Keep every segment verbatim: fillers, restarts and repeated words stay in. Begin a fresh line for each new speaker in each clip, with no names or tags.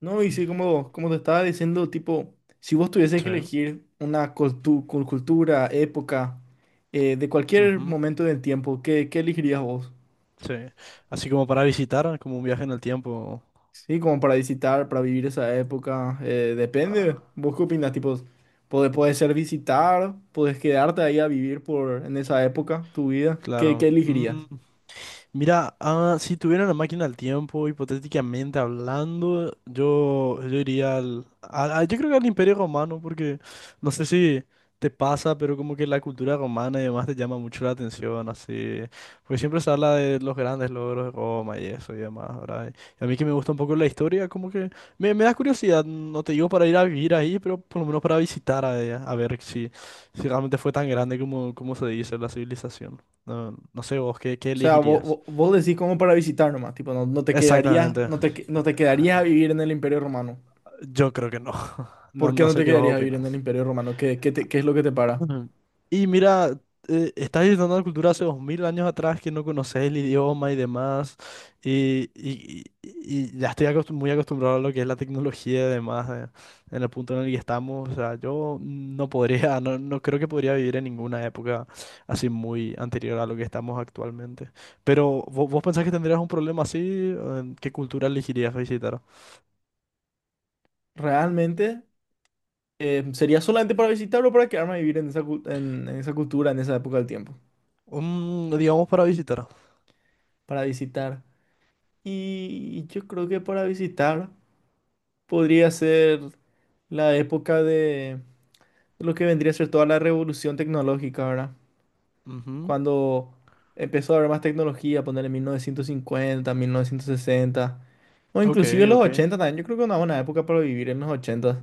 No, y sí, como, como te estaba diciendo, tipo, si vos tuvieses que
Sí,
elegir una cultu- cul- cultura, época, eh, de cualquier
ujú,
momento del tiempo, ¿qué, qué elegirías vos?
sí. Así como para visitar, como un viaje en el tiempo.
Sí, como para visitar, para vivir esa época, eh, depende.
Ah,
¿Vos qué opinas? Tipo, puede, puede ser visitar, puedes quedarte ahí a vivir por, en esa época, tu vida. ¿Qué, qué
claro.
elegirías?
Mm, mira, ah, si tuviera una máquina del tiempo, hipotéticamente hablando, yo, yo iría al, al- al- yo creo que al Imperio Romano, porque no sé si te pasa, pero como que la cultura romana y demás te llama mucho la atención, así. Porque siempre se habla de los grandes logros de Roma y eso y demás, ¿verdad? Y a mí que me gusta un poco la historia, como que me, me da curiosidad, no te digo para ir a vivir ahí, pero por lo menos para visitar a ella, a ver si, si realmente fue tan grande como, como se dice la civilización. No, no sé vos, ¿qué, qué
O sea, vos, vos,
elegirías?
vos decís como para visitar nomás, tipo, no, no te quedarías,
Exactamente.
no te, que- no te quedarías a vivir en el Imperio Romano.
Yo creo que no. No,
¿Por qué
no
no te
sé qué vos
quedarías a vivir en el
opinas.
Imperio Romano? ¿Qué, qué te- qué es lo que te para?
Ujú. Y mira, eh, estás visitando una cultura hace dos mil años atrás que no conoces el idioma y demás, y, y- y- y ya estoy acostum- muy acostumbrado a lo que es la tecnología y demás, eh, en el punto en el que estamos. O sea, yo no podría, no, no creo que podría vivir en ninguna época así muy anterior a lo que estamos actualmente. Pero, ¿vo- ¿vos pensás que tendrías un problema así? Eh, ¿Qué cultura elegirías visitar?
¿Realmente eh, sería solamente para visitarlo o para quedarme a vivir en esa, cu- en, en esa cultura, en esa época del tiempo?
Mm, digamos para visitar.
Para visitar. Y yo creo que para visitar podría ser la época de lo que vendría a ser toda la revolución tecnológica, ¿verdad?
Ujú.
Cuando empezó a haber más tecnología, poner en mil mil novecientos cincuenta, mil novecientos sesenta o
Ok,
inclusive los
ok,
ochenta también. Yo creo que una buena época para vivir en los ochenta.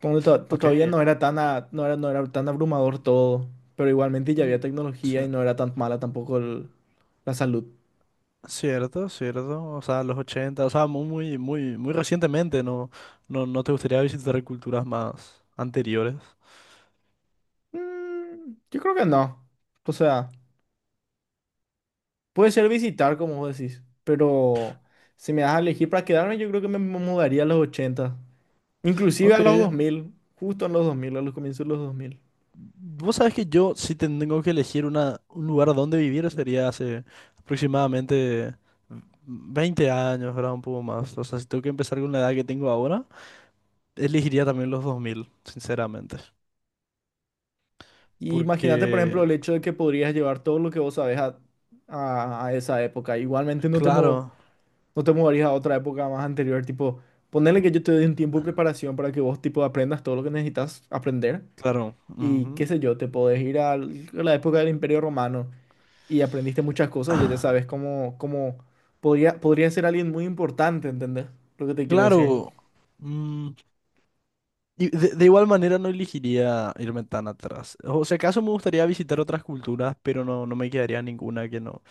Como que to- to- todavía
ok.
no era tan a- no era, no era tan abrumador todo, pero igualmente ya había
Mm,
tecnología y
cier-
no era tan mala tampoco el- la salud.
cierto, cierto. O sea, los ochenta, o sea, mu- muy, muy, muy recientemente, ¿no? No, no te gustaría visitar culturas más anteriores.
Mm, yo creo que no. O sea, puede ser visitar, como vos decís, pero si me das a elegir para quedarme, yo creo que me mu- mudaría a los ochenta inclusive a
Ok.
los dos mil justo en los dos mil a los comienzos de los dos mil.
Vos sabés que yo, si tengo que elegir una, un lugar donde vivir, sería hace aproximadamente veinte años, ¿verdad? Un poco más. O sea, si tengo que empezar con la edad que tengo ahora, elegiría también los dos mil, sinceramente.
Y imagínate, por
Porque,
ejemplo, el hecho de que podrías llevar todo lo que vos sabés a, a- a esa época. Igualmente no te, mu-
claro.
No te mudarías a otra época más anterior, tipo, ponerle que yo te dé un tiempo de preparación para que vos, tipo, aprendas todo lo que necesitas aprender
Claro,
y qué
ujú.
sé yo, te podés ir al- a la época del Imperio Romano y aprendiste muchas cosas, ya ya sabes cómo, cómo podría, podría ser alguien muy importante, ¿entendés? Lo que te quiero decir.
Claro. Mm, y de, de igual manera no elegiría irme tan atrás. O sea, acaso me gustaría visitar otras culturas, pero no, no me quedaría ninguna que no.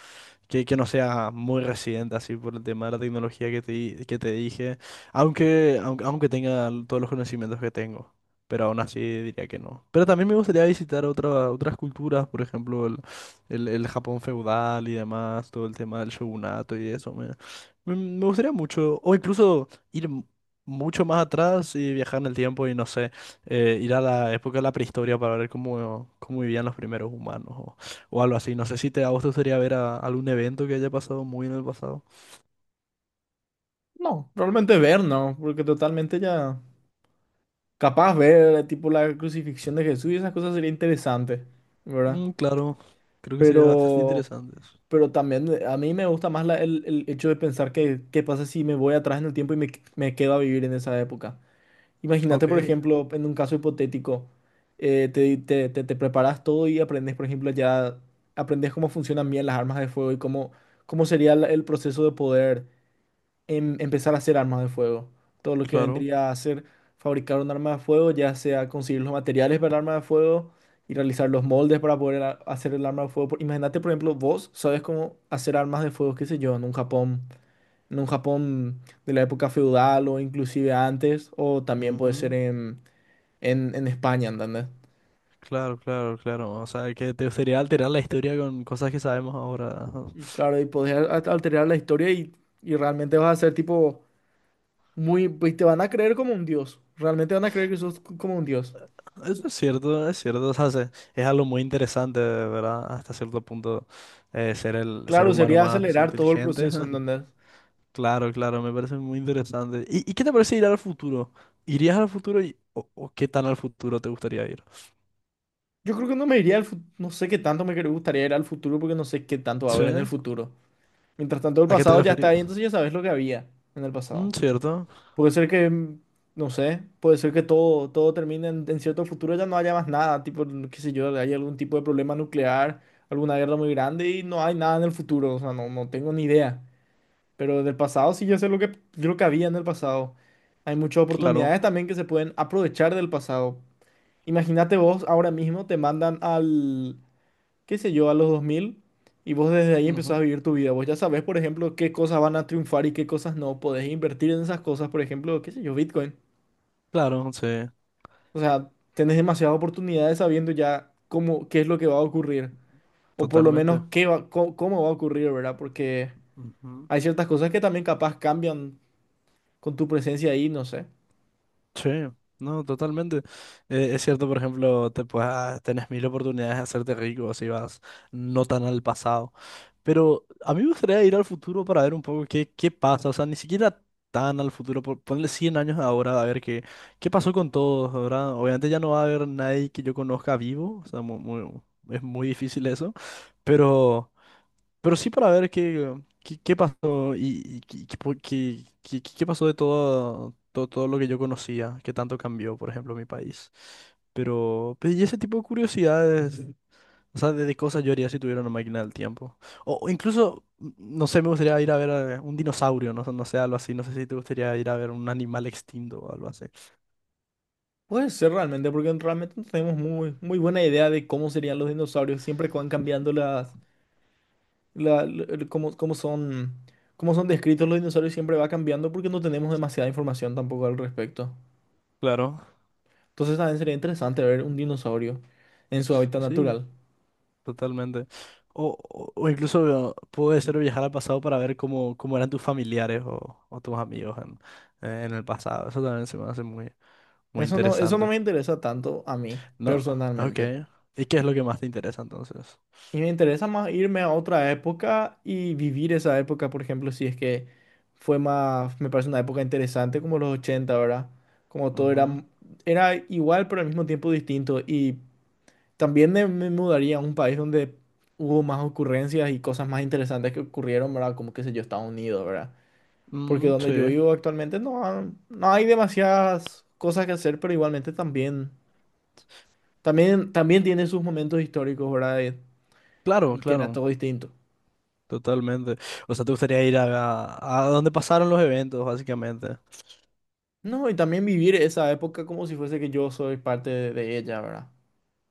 que, que no sea muy resiliente así por el tema de la tecnología que te, di- que te dije, aunque, aunque, aunque tenga todos los conocimientos que tengo, pero aún así diría que no. Pero también me gustaría visitar otra, otras culturas, por ejemplo, el, el, el Japón feudal y demás, todo el tema del shogunato y eso, me, me, me gustaría mucho, o incluso ir m- mucho más atrás y viajar en el tiempo y no sé, eh, ir a la época de la prehistoria para ver cómo, cómo vivían los primeros humanos o algo así. No sé si te, a vos te gustaría ver a algún evento que haya pasado muy en el pasado.
No, realmente ver, no, porque totalmente ya capaz ver, tipo, la crucifixión de Jesús y esas cosas sería interesante, ¿verdad?
Mm, claro, creo que sería bastante
Pero...
interesante.
Pero también eh, a mí me gusta más la- el, el hecho de pensar que qué pasa si me voy atrás en el tiempo y me, me quedo a vivir en esa época. Imagínate,
Ok,
por ejemplo, en un caso hipotético, eh, te, te, te- te preparas todo y aprendes, por ejemplo, ya aprendes cómo funcionan bien las armas de fuego y cómo, cómo sería la- el proceso de poder em- empezar a hacer armas de fuego. Todo lo que
claro,
vendría a ser fabricar un arma de fuego, ya sea conseguir los materiales para el arma de fuego y realizar los moldes para poder a- hacer el arma de fuego. Por- Imagínate, por ejemplo, vos sabes cómo hacer armas de fuego, qué sé yo, en un Japón, en un Japón de la época feudal o inclusive antes, o también puede ser
ujú.
en, en, en España, ¿entendés?
Claro, claro, claro. O sea, que te gustaría alterar la historia con cosas que sabemos ahora. Ajá.
Y claro, y podés a- alterar la historia y, y realmente vas a ser tipo muy, pues te van a creer como un dios. Realmente van a creer que sos c- como un dios.
Eso es cierto, es cierto. O sea, se- es algo muy interesante, ¿verdad? Hasta cierto punto, eh, ser el ser
Claro,
humano
sería
más
acelerar todo el
inteligente.
proceso, ¿entendés?
Claro, claro, me parece muy interesante. ¿Y, y qué te parece ir al futuro? ¿Irías al futuro y, o, o qué tan al futuro te gustaría ir?
Yo creo que no me iría al futuro, no sé qué tanto me gustaría ir al futuro porque no sé qué tanto va a
Sí.
haber en el futuro. Mientras tanto, el
¿A qué te
pasado ya está ahí,
referías?
entonces ya sabes lo que había en el
Mm,
pasado.
cierto,
Puede ser que, mm, no sé, puede ser que todo, todo termine en, en cierto futuro, ya no haya más nada, tipo, qué sé yo, hay algún tipo de problema nuclear, alguna guerra muy grande y no hay nada en el futuro, o sea, no, no tengo ni idea. Pero del pasado sí yo sé lo que, lo que había en el pasado. Hay muchas
claro,
oportunidades también que se pueden aprovechar del pasado. Imagínate vos ahora mismo te mandan al, qué sé yo, a los dos mil y vos desde ahí empezás a
ujú.
vivir tu vida. Vos ya sabés, por ejemplo, qué cosas van a triunfar y qué cosas no. Podés invertir en esas cosas, por ejemplo, qué sé yo, Bitcoin.
Claro, sí,
O sea, tenés demasiadas oportunidades sabiendo ya cómo, qué es lo que va a ocurrir. O por lo menos
totalmente.
qué va, có- cómo, va a ocurrir, ¿verdad? Porque
Ujú.
hay ciertas cosas que también capaz cambian con tu presencia ahí, no sé.
Sí, no, totalmente. Eh, es cierto, por ejemplo, te puedes, ah, tenés mil oportunidades de hacerte rico si vas no tan al pasado. Pero a mí me gustaría ir al futuro para ver un poco qué, qué pasa. O sea, ni siquiera tan al futuro. pon- Ponle cien años ahora a ver qué, qué pasó con todos, ¿verdad? Obviamente ya no va a haber nadie que yo conozca vivo. O sea, mu- mu- es muy difícil eso. Pero... Pero sí para ver qué, qué, qué pasó y, y qué, qué po- qué- qué- qué- pasó de todo, todo, todo lo que yo conocía, qué tanto cambió, por ejemplo, mi país. Pero, pe- y ese tipo de curiosidades, o sea, de, de cosas yo haría si tuviera una máquina del tiempo. O, o incluso, mm, no sé, me gustaría ir a ver a un dinosaurio, no, sé- no sé, algo así. No sé si te gustaría ir a ver un animal extinto o algo así.
Puede ser realmente, porque realmente no tenemos muy, muy buena idea de cómo serían los dinosaurios siempre que van cambiando las la- el- cómo, cómo son, cómo son descritos los dinosaurios siempre va cambiando porque no tenemos demasiada información tampoco al respecto.
Claro.
Entonces también sería interesante ver un dinosaurio en su hábitat
Sí.
natural.
Totalmente. O, o- o incluso eh, puede ser viajar al pasado para ver cómo, cómo eran tus familiares o, o tus amigos en, eh, en el pasado. Eso también se me hace muy, muy
Eso no, eso no
interesante.
me interesa tanto a mí,
No, ok.
personalmente.
¿Y qué es lo que más te interesa entonces?
Y me interesa más irme a otra época y vivir esa época, por ejemplo, si es que fue más, me parece una época interesante como los ochenta, ¿verdad? Como todo era,
Ujú.
era igual, pero al mismo tiempo distinto. Y también me, me mudaría a un país donde hubo más ocurrencias y cosas más interesantes que ocurrieron, ¿verdad? Como, qué sé yo, Estados Unidos, ¿verdad? Porque
Mm,
donde yo
sí,
vivo actualmente no, han- no hay demasiadas cosas que hacer, pero igualmente también, también, también tiene sus momentos históricos, ¿verdad? Eh,
claro,
Que era
claro.
todo distinto.
Totalmente. O sea, te gustaría ir a, a, a donde pasaron los eventos, básicamente.
No, y también vivir esa época como si fuese que yo soy parte de, de ella, ¿verdad?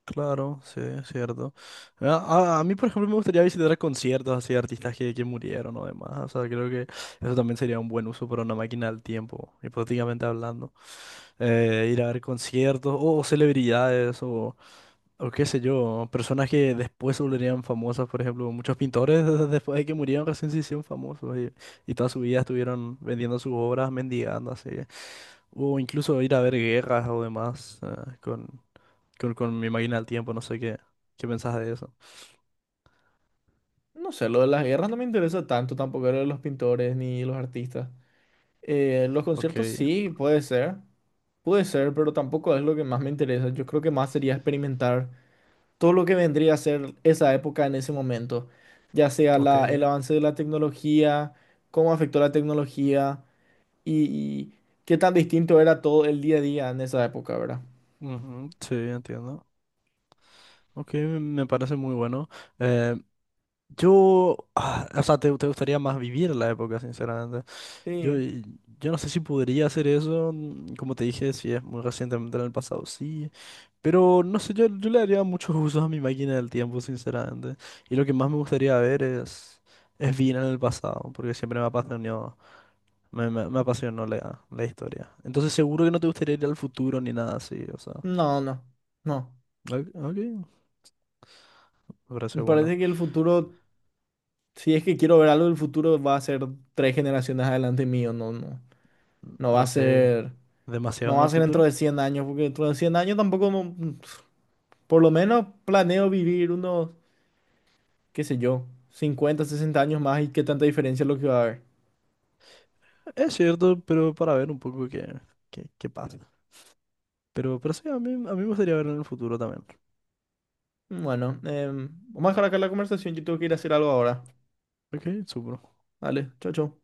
Claro, sí, es cierto. A, a- a mí, por ejemplo, me gustaría visitar conciertos así de artistas que, que murieron o demás. O sea, creo que eso también sería un buen uso para una máquina del tiempo, hipotéticamente hablando. Eh, ir a ver conciertos o, celebridades o, o qué sé yo, personas que después se volverían famosas, por ejemplo. Muchos pintores después de que murieron recién se hicieron famosos y, y toda su vida estuvieron vendiendo sus obras, mendigando así. O incluso ir a ver guerras o demás, eh, con... Con, con mi máquina del tiempo, no sé qué, qué pensás de eso.
No sé, lo de las guerras no me interesa tanto, tampoco lo de los pintores ni los artistas. Eh, los
Ok,
conciertos sí, puede ser. Puede ser, pero tampoco es lo que más me interesa. Yo creo que más sería experimentar todo lo que vendría a ser esa época en ese momento. Ya sea la, el
ok,
avance de la tecnología, cómo afectó la tecnología y, y qué tan distinto era todo el día a día en esa época, ¿verdad?
ujú, sí, entiendo. Ok, me me parece muy bueno. Eh, yo, ah, o sea, te, te gustaría más vivir la época, sinceramente. Yo,
Sí.
y- yo no sé si podría hacer eso, mm, como te dije, si es muy recientemente en el pasado, sí. Pero no sé, yo, yo le haría muchos usos a mi máquina del tiempo, sinceramente. Y lo que más me gustaría ver es, es bien en el pasado, porque siempre me ha apasionado. Me, me, me apasionó la, la historia. Entonces seguro que no te gustaría ir al futuro ni nada así, o sea.
No, no, no.
Ok, ok, me parece
Me
bueno.
parece que el futuro, si es que quiero ver algo del futuro, va a ser tres generaciones adelante mío. No, no, no va a
Ok,
ser. No
demasiado en
va a
el
ser dentro
futuro.
de cien años, porque dentro de cien años tampoco, no- por lo menos planeo vivir unos, qué sé yo, cincuenta sesenta años más y qué tanta diferencia es lo que va a haber.
Es cierto, pero para ver un poco qué, qué, qué pasa. Pero, pero sí, a mí, a mí me gustaría ver en el futuro también.
Bueno, em, vamos a dejar acá la conversación, yo tengo que ir a hacer algo ahora.
Ok, súper.
Vale, chao, chao.